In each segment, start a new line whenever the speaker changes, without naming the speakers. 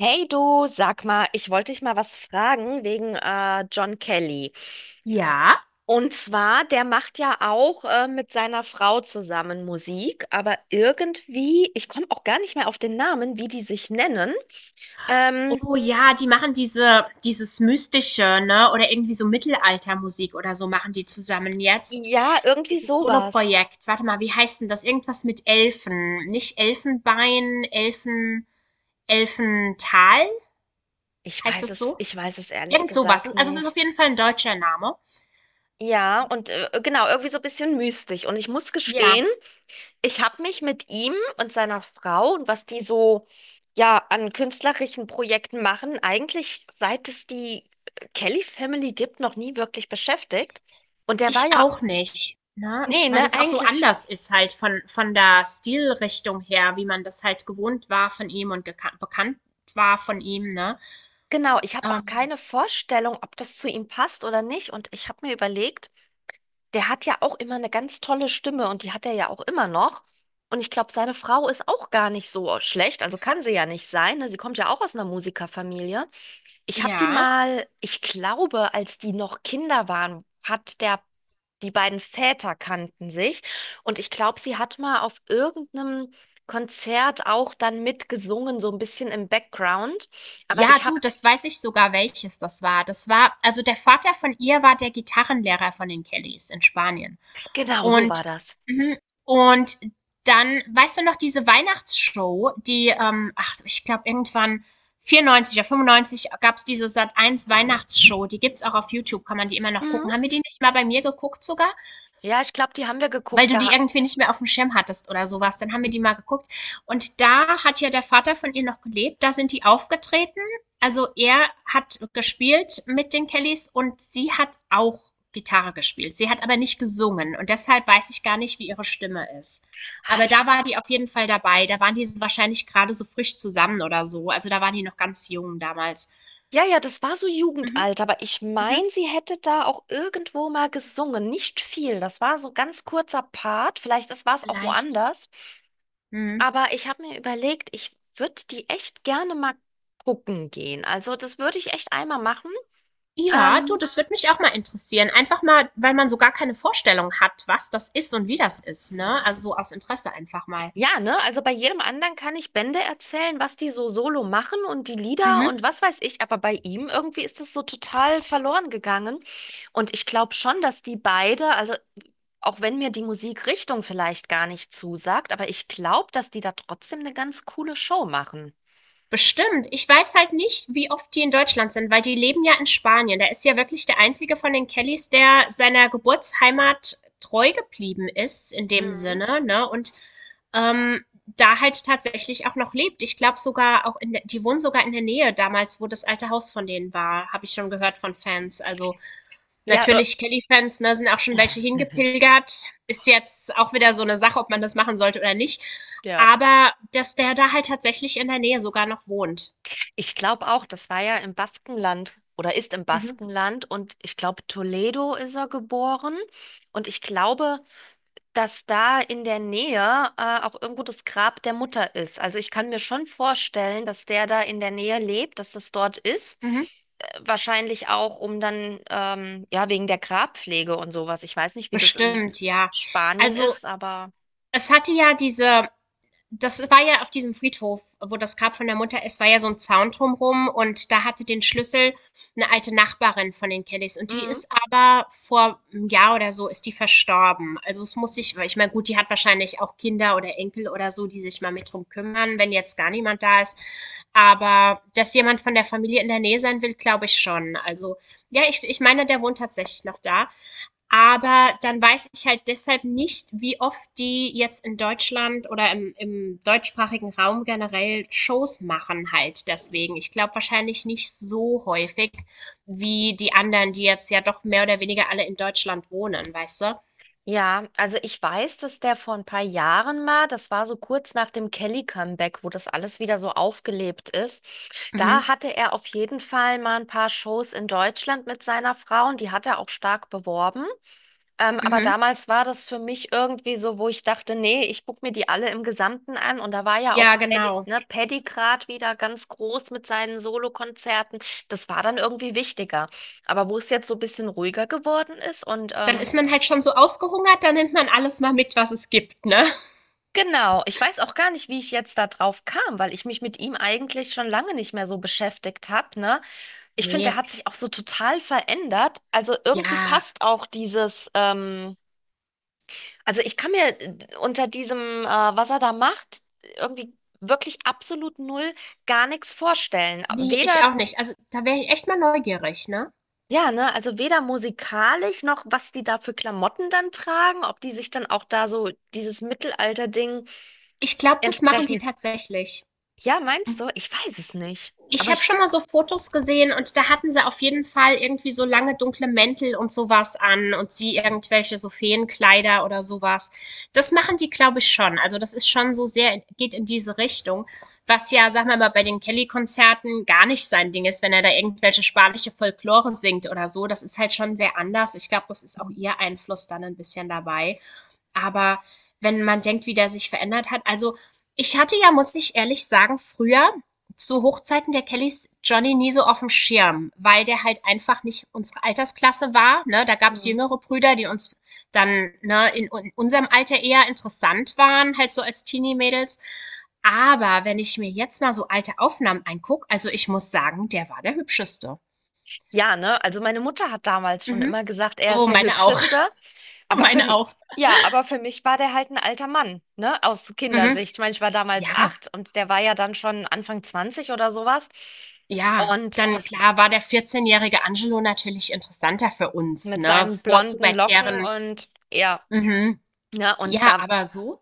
Hey du, sag mal, ich wollte dich mal was fragen wegen John Kelly.
Ja?
Und zwar, der macht ja auch mit seiner Frau zusammen Musik, aber irgendwie, ich komme auch gar nicht mehr auf den Namen, wie die sich nennen. Ähm,
Oh ja, die machen diese, dieses Mystische, ne? Oder irgendwie so Mittelaltermusik oder so machen die zusammen jetzt.
ja, irgendwie
Dieses
sowas.
Soloprojekt. Warte mal, wie heißt denn das? Irgendwas mit Elfen. Nicht Elfenbein, Elfen, Elfental?
Ich
Heißt
weiß
das
es,
so?
ich weiß es ehrlich
Irgend sowas.
gesagt
Also es ist auf
nicht.
jeden Fall ein deutscher Name.
Ja, und genau, irgendwie so ein bisschen mystisch. Und ich muss
Ja,
gestehen, ich habe mich mit ihm und seiner Frau und was die so ja an künstlerischen Projekten machen, eigentlich seit es die Kelly Family gibt, noch nie wirklich beschäftigt. Und der war
ich
ja,
auch nicht. Ne?
nee,
Weil
ne,
das auch so
eigentlich,
anders ist halt von der Stilrichtung her, wie man das halt gewohnt war von ihm und bekannt war von ihm, ne?
genau, ich habe auch
Ähm,
keine Vorstellung, ob das zu ihm passt oder nicht. Und ich habe mir überlegt, der hat ja auch immer eine ganz tolle Stimme und die hat er ja auch immer noch. Und ich glaube, seine Frau ist auch gar nicht so schlecht, also kann sie ja nicht sein, ne? Sie kommt ja auch aus einer Musikerfamilie. Ich habe die
Ja.
mal, ich glaube, als die noch Kinder waren, hat der, die beiden Väter kannten sich und ich glaube, sie hat mal auf irgendeinem Konzert auch dann mitgesungen, so ein bisschen im Background. Aber
Ja,
ich habe,
du, das weiß ich sogar, welches das war. Das war also der Vater von ihr war der Gitarrenlehrer von den Kellys in Spanien.
genau so war
Und
das.
mhm, und dann, weißt du noch, diese Weihnachtsshow, die, ach, ich glaube, irgendwann 94 oder 95 gab's diese Sat 1 Weihnachtsshow. Die gibt's auch auf YouTube, kann man die immer noch
Mhm.
gucken. Haben wir die nicht mal bei mir geguckt sogar?
Ja, ich glaube, die haben wir
Weil
geguckt.
du die
Da,
irgendwie nicht mehr auf dem Schirm hattest oder sowas. Dann haben wir die mal geguckt. Und da hat ja der Vater von ihr noch gelebt. Da sind die aufgetreten. Also er hat gespielt mit den Kellys und sie hat auch Gitarre gespielt. Sie hat aber nicht gesungen. Und deshalb weiß ich gar nicht, wie ihre Stimme ist.
ah,
Aber
ich
da war die auf jeden Fall dabei. Da waren die wahrscheinlich gerade so frisch zusammen oder so. Also da waren die noch ganz jung damals.
ja, ja, das war so
Mhm,
Jugendalter, aber ich
mhm.
meine, sie hätte da auch irgendwo mal gesungen. Nicht viel. Das war so ganz kurzer Part. Vielleicht das war es auch
Vielleicht.
woanders.
Mhm.
Aber ich habe mir überlegt, ich würde die echt gerne mal gucken gehen. Also das würde ich echt einmal machen.
Ja, du,
Ähm,
das würde mich auch mal interessieren. Einfach mal, weil man so gar keine Vorstellung hat, was das ist und wie das ist, ne? Also so aus Interesse einfach mal.
Ja, ne? Also bei jedem anderen kann ich Bände erzählen, was die so solo machen und die Lieder und
Mhm.
was weiß ich, aber bei ihm irgendwie ist das so total verloren gegangen. Und ich glaube schon, dass die beide, also auch wenn mir die Musikrichtung vielleicht gar nicht zusagt, aber ich glaube, dass die da trotzdem eine ganz coole Show machen.
Bestimmt. Ich weiß halt nicht, wie oft die in Deutschland sind, weil die leben ja in Spanien. Der ist ja wirklich der einzige von den Kellys, der seiner Geburtsheimat treu geblieben ist, in dem
Mhm.
Sinne, ne? Und ähm, da halt tatsächlich auch noch lebt. Ich glaube sogar auch in der, die wohnen sogar in der Nähe damals, wo das alte Haus von denen war, habe ich schon gehört von Fans. Also
Ja,
natürlich, Kelly-Fans, ne, sind auch schon welche hingepilgert. Ist jetzt auch wieder so eine Sache, ob man das machen sollte oder nicht.
ja.
Aber dass der da halt tatsächlich in der Nähe sogar noch wohnt.
Ich glaube auch, das war ja im Baskenland oder ist im
Mhm.
Baskenland und ich glaube, Toledo ist er geboren und ich glaube, dass da in der Nähe auch irgendwo das Grab der Mutter ist. Also ich kann mir schon vorstellen, dass der da in der Nähe lebt, dass das dort ist.
Mhm.
Wahrscheinlich auch, um dann, ja, wegen der Grabpflege und sowas. Ich weiß nicht, wie das in
Bestimmt, ja.
Spanien
Also,
ist, aber.
es hatte ja diese das war ja auf diesem Friedhof, wo das Grab von der Mutter ist, war ja so ein Zaun drumrum und da hatte den Schlüssel eine alte Nachbarin von den Kellys und die
Mhm.
ist aber vor einem Jahr oder so ist die verstorben. Also es muss sich, weil ich meine, gut, die hat wahrscheinlich auch Kinder oder Enkel oder so, die sich mal mit drum kümmern, wenn jetzt gar niemand da ist. Aber dass jemand von der Familie in der Nähe sein will, glaube ich schon. Also ja, ich meine, der wohnt tatsächlich noch da. Aber dann weiß ich halt deshalb nicht, wie oft die jetzt in Deutschland oder im deutschsprachigen Raum generell Shows machen halt deswegen. Ich glaube wahrscheinlich nicht so häufig wie die anderen, die jetzt ja doch mehr oder weniger alle in Deutschland wohnen, weißt du?
Ja, also ich weiß, dass der vor ein paar Jahren mal, das war so kurz nach dem Kelly-Comeback, wo das alles wieder so aufgelebt ist. Da
Mhm.
hatte er auf jeden Fall mal ein paar Shows in Deutschland mit seiner Frau und die hat er auch stark beworben. Aber
Mhm.
damals war das für mich irgendwie so, wo ich dachte, nee, ich gucke mir die alle im Gesamten an. Und da war ja auch
Ja,
Paddy,
genau.
ne, Paddy Grad wieder ganz groß mit seinen Solokonzerten. Das war dann irgendwie wichtiger. Aber wo es jetzt so ein bisschen ruhiger geworden ist und
Dann ist man halt schon so ausgehungert, dann nimmt man alles mal mit, was es gibt, ne?
genau, ich weiß auch gar nicht, wie ich jetzt da drauf kam, weil ich mich mit ihm eigentlich schon lange nicht mehr so beschäftigt habe, ne? Ich finde,
Nee,
der hat sich auch so total verändert. Also irgendwie
ja,
passt auch dieses, also ich kann mir unter diesem, was er da macht, irgendwie wirklich absolut null gar nichts vorstellen.
nee, ich
Weder,
auch nicht. Also da wäre ich echt mal neugierig, ne?
ja, ne, also weder musikalisch noch, was die da für Klamotten dann tragen, ob die sich dann auch da so dieses Mittelalter-Ding
Ich glaube, das machen die
entsprechend.
tatsächlich.
Ja, meinst du? Ich weiß es nicht.
Ich
Aber
habe
ich.
schon mal so Fotos gesehen und da hatten sie auf jeden Fall irgendwie so lange dunkle Mäntel und sowas an und sie irgendwelche so Feenkleider oder sowas. Das machen die, glaube ich, schon. Also das ist schon so sehr geht in diese Richtung, was ja, sag wir mal, bei den Kelly-Konzerten gar nicht sein Ding ist, wenn er da irgendwelche spanische Folklore singt oder so. Das ist halt schon sehr anders. Ich glaube, das ist auch ihr Einfluss dann ein bisschen dabei. Aber wenn man denkt, wie der sich verändert hat, also ich hatte ja, muss ich ehrlich sagen, früher zu Hochzeiten der Kellys Johnny nie so auf dem Schirm, weil der halt einfach nicht unsere Altersklasse war. Ne? Da gab's
Mhm.
jüngere Brüder, die uns dann ne, in unserem Alter eher interessant waren, halt so als Teenie-Mädels. Aber wenn ich mir jetzt mal so alte Aufnahmen anguck, also ich muss sagen, der war der hübscheste.
Ja, ne? Also meine Mutter hat damals schon
Mhm.
immer gesagt, er
Oh,
ist der
meine auch.
Hübscheste. Aber für,
Meine auch.
ja, aber für mich war der halt ein alter Mann, ne? Aus
Mhm.
Kindersicht. Ich meine, ich war damals
Ja.
acht und der war ja dann schon Anfang 20 oder sowas.
Ja,
Und
dann
das
klar war der vierzehnjährige Angelo natürlich interessanter für uns,
mit
ne,
seinen
vor
blonden Locken
pubertären
und ja,
mhm.
ne? Und
Ja,
da
aber so,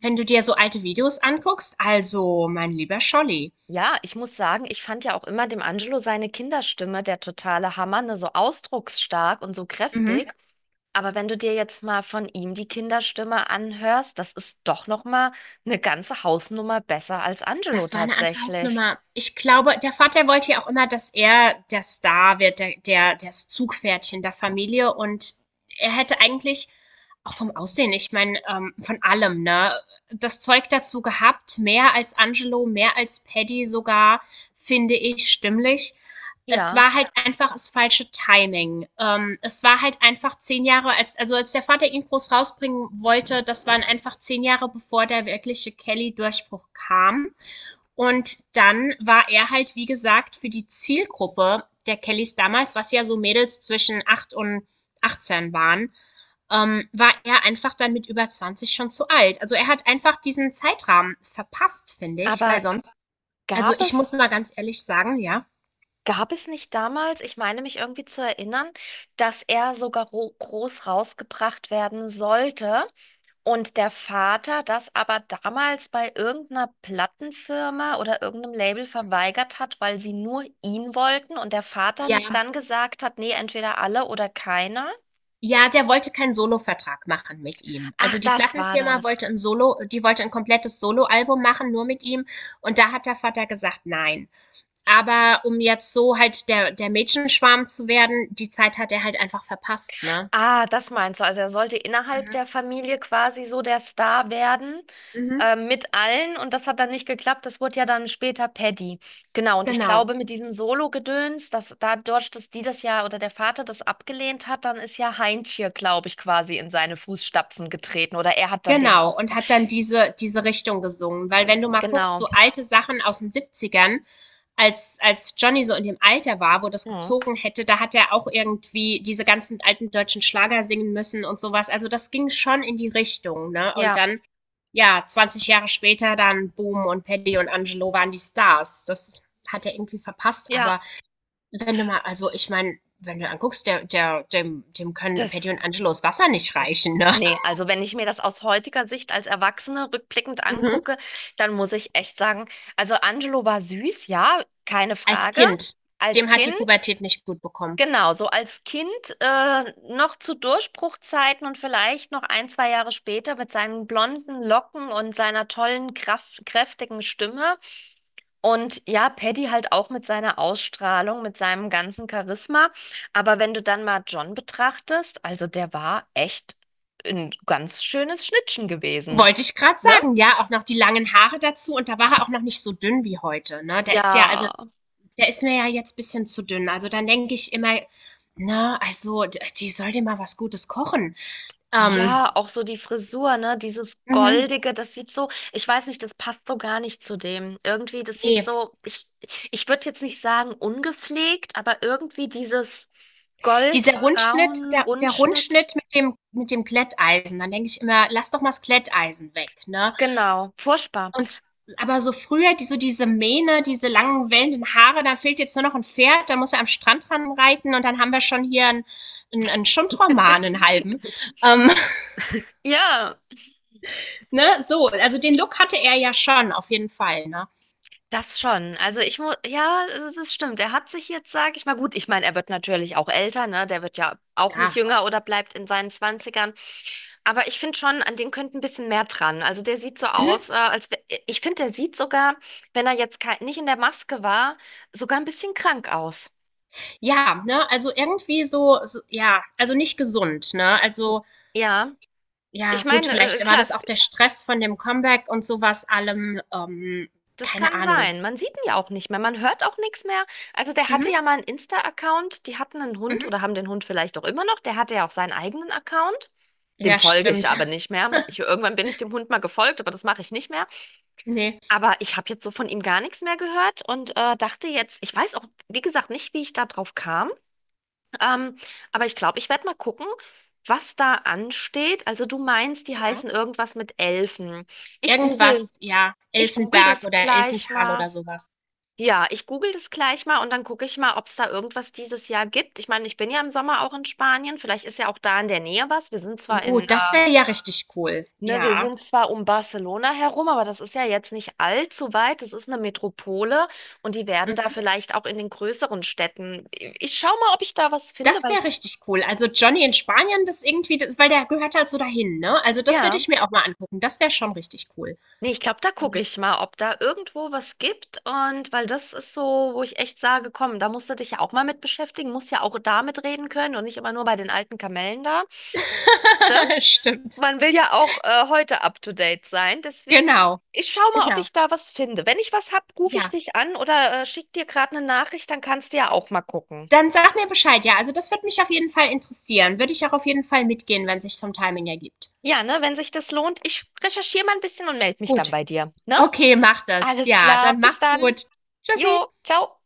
wenn du dir so alte Videos anguckst, also, mein lieber Scholli.
ja, ich muss sagen, ich fand ja auch immer dem Angelo seine Kinderstimme der totale Hammer, ne, so ausdrucksstark und so
Mhm.
kräftig. Aber wenn du dir jetzt mal von ihm die Kinderstimme anhörst, das ist doch noch mal eine ganze Hausnummer besser als Angelo
Das war eine andere
tatsächlich.
Hausnummer. Ich glaube, der Vater wollte ja auch immer, dass er der Star wird, der das Zugpferdchen der Familie und er hätte eigentlich auch vom Aussehen ich meine, von allem, ne, das Zeug dazu gehabt, mehr als Angelo, mehr als Paddy sogar, finde ich, stimmlich. Es
Ja,
war halt einfach das falsche Timing. Es war halt einfach 10 Jahre als der Vater ihn groß rausbringen wollte, das waren einfach 10 Jahre, bevor der wirkliche Kelly-Durchbruch kam. Und dann war er halt, wie gesagt, für die Zielgruppe der Kellys damals, was ja so Mädels zwischen 8 und 18 waren, war er einfach dann mit über 20 schon zu alt. Also er hat einfach diesen Zeitrahmen verpasst, finde ich, weil
aber
sonst, also
gab
ich muss
es,
mal ganz ehrlich sagen, ja,
gab es nicht damals, ich meine mich irgendwie zu erinnern, dass er sogar groß rausgebracht werden sollte? Und der Vater das aber damals bei irgendeiner Plattenfirma oder irgendeinem Label verweigert hat, weil sie nur ihn wollten und der Vater nicht
ja,
dann gesagt hat, nee, entweder alle oder keiner.
ja, der wollte keinen Solo-Vertrag machen mit ihm.
Ach,
Also die
das war
Plattenfirma
das.
wollte ein Solo, die wollte ein komplettes Solo-Album machen, nur mit ihm. Und da hat der Vater gesagt, nein. Aber um jetzt so halt der Mädchenschwarm zu werden, die Zeit hat er halt einfach verpasst, ne?
Ah, das meinst du. Also er sollte innerhalb
Mhm.
der Familie quasi so der Star werden,
Mhm.
mit allen. Und das hat dann nicht geklappt. Das wurde ja dann später Paddy. Genau. Und ich
Genau.
glaube, mit diesem Solo-Gedöns, dass dadurch, dass die das ja oder der Vater das abgelehnt hat, dann ist ja Heintje, glaube ich, quasi in seine Fußstapfen getreten. Oder er hat dann den
Genau. Und
Vertrag.
hat dann diese Richtung gesungen. Weil wenn du mal guckst,
Genau.
so alte Sachen aus den Siebzigern, als Johnny so in dem Alter war, wo das
Mhm.
gezogen hätte, da hat er auch irgendwie diese ganzen alten deutschen Schlager singen müssen und sowas. Also das ging schon in die Richtung, ne? Und
Ja.
dann, ja, 20 Jahre später dann Boom und Paddy und Angelo waren die Stars. Das hat er irgendwie verpasst,
Ja,
aber wenn du mal also, ich meine, wenn du anguckst, der der dem dem können
das.
Patty und Angelos Wasser nicht reichen, ne?
Nee, also wenn ich mir das aus heutiger Sicht als Erwachsene rückblickend
Mhm.
angucke, dann muss ich echt sagen, also Angelo war süß, ja, keine
Als
Frage.
Kind.
Als
Dem hat die
Kind.
Pubertät nicht gut bekommen.
Genau, so als Kind noch zu Durchbruchzeiten und vielleicht noch ein, zwei Jahre später mit seinen blonden Locken und seiner tollen, kraft kräftigen Stimme. Und ja, Paddy halt auch mit seiner Ausstrahlung, mit seinem ganzen Charisma. Aber wenn du dann mal John betrachtest, also der war echt ein ganz schönes Schnittchen gewesen,
Wollte ich gerade
ne?
sagen, ja, auch noch die langen Haare dazu und da war er auch noch nicht so dünn wie heute, ne? Der ist ja also,
Ja,
der ist mir ja jetzt ein bisschen zu dünn. Also, dann denke ich immer, ne, also, d die soll dir mal was Gutes kochen. Ähm,
ja, auch so die Frisur, ne? Dieses
mhm,
Goldige, das sieht so, ich weiß nicht, das passt so gar nicht zu dem. Irgendwie, das sieht
ne.
so, ich würde jetzt nicht sagen ungepflegt, aber irgendwie dieses
Dieser Rundschnitt
Goldbraun,
der
Rundschnitt,
Rundschnitt mit dem Glätteisen, dann denke ich immer: „Lass doch mal das Glätteisen weg“, ne?
genau, furchtbar.
Und aber so früher, die, so diese Mähne, diese langen wellenden Haare, da fehlt jetzt nur noch ein Pferd, da muss er am Strand dran reiten und dann haben wir schon hier einen Schundroman, einen halben. Ähm,
Ja.
ne? So, also den Look hatte er ja schon, auf jeden Fall. Ne?
Das schon. Also ich muss, ja, das stimmt. Er hat sich jetzt, sage ich mal, gut, ich meine, er wird natürlich auch älter, ne? Der wird ja auch nicht
Klar.
jünger oder bleibt in seinen Zwanzigern. Aber ich finde schon, an dem könnte ein bisschen mehr dran. Also der sieht so aus,
Mhm.
ich finde, der sieht sogar, wenn er jetzt nicht in der Maske war, sogar ein bisschen krank aus.
Ja, ne? Also irgendwie so, ja, also nicht gesund. Ne? Also,
Ja,
ja,
ich
gut,
meine,
vielleicht war
klar,
das
es,
auch der Stress von dem Comeback und sowas allem.
das
Keine
kann
Ahnung.
sein. Man sieht ihn ja auch nicht mehr, man hört auch nichts mehr. Also der hatte
Mhm.
ja mal einen Insta-Account, die hatten einen Hund
Mhm.
oder haben den Hund vielleicht auch immer noch. Der hatte ja auch seinen eigenen Account. Dem
Ja,
folge ich
stimmt.
aber nicht mehr. Ich, irgendwann bin ich dem Hund mal gefolgt, aber das mache ich nicht mehr.
Nee.
Aber ich habe jetzt so von ihm gar nichts mehr gehört und dachte jetzt, ich weiß auch, wie gesagt, nicht, wie ich da drauf kam. Ähm, aber ich glaube, ich werde mal gucken, was da ansteht. Also du meinst, die
Ja.
heißen irgendwas mit Elfen. Ich ja. google,
Irgendwas, ja,
ich google
Elfenberg
das
oder
gleich
Elfental
mal.
oder sowas.
Ja, ich google das gleich mal und dann gucke ich mal, ob es da irgendwas dieses Jahr gibt. Ich meine, ich bin ja im Sommer auch in Spanien. Vielleicht ist ja auch da in der Nähe was. Wir sind zwar
Oh,
in
das wäre ja richtig cool.
ne, wir
Ja,
sind zwar um Barcelona herum, aber das ist ja jetzt nicht allzu weit. Das ist eine Metropole und die werden da
mhm.
vielleicht auch in den größeren Städten. Ich schau mal, ob ich da was finde,
Das
weil
wäre richtig cool. Also Johnny in Spanien, das irgendwie, das, weil der gehört halt so dahin, ne? Also das würde
ja,
ich mir auch mal angucken. Das wäre schon richtig cool.
nee, ich glaube, da gucke
Mhm.
ich mal, ob da irgendwo was gibt und weil das ist so, wo ich echt sage, komm, da musst du dich ja auch mal mit beschäftigen, musst ja auch da mitreden können und nicht immer nur bei den alten Kamellen da. Ne?
Stimmt.
Man will ja auch heute up to date sein. Deswegen,
Genau,
ich schau mal, ob
genau.
ich da was finde. Wenn ich was hab, rufe ich
Ja.
dich an oder schick dir gerade eine Nachricht, dann kannst du ja auch mal gucken.
Dann sag mir Bescheid, ja. Also das würde mich auf jeden Fall interessieren. Würde ich auch auf jeden Fall mitgehen, wenn sich vom Timing ergibt.
Ja, ne, wenn sich das lohnt, ich recherchiere mal ein bisschen und melde mich dann
Gut.
bei dir. Ne?
Okay, mach das.
Alles
Ja,
klar,
dann
bis
mach's
dann.
gut. Tschüssi.
Jo, ciao.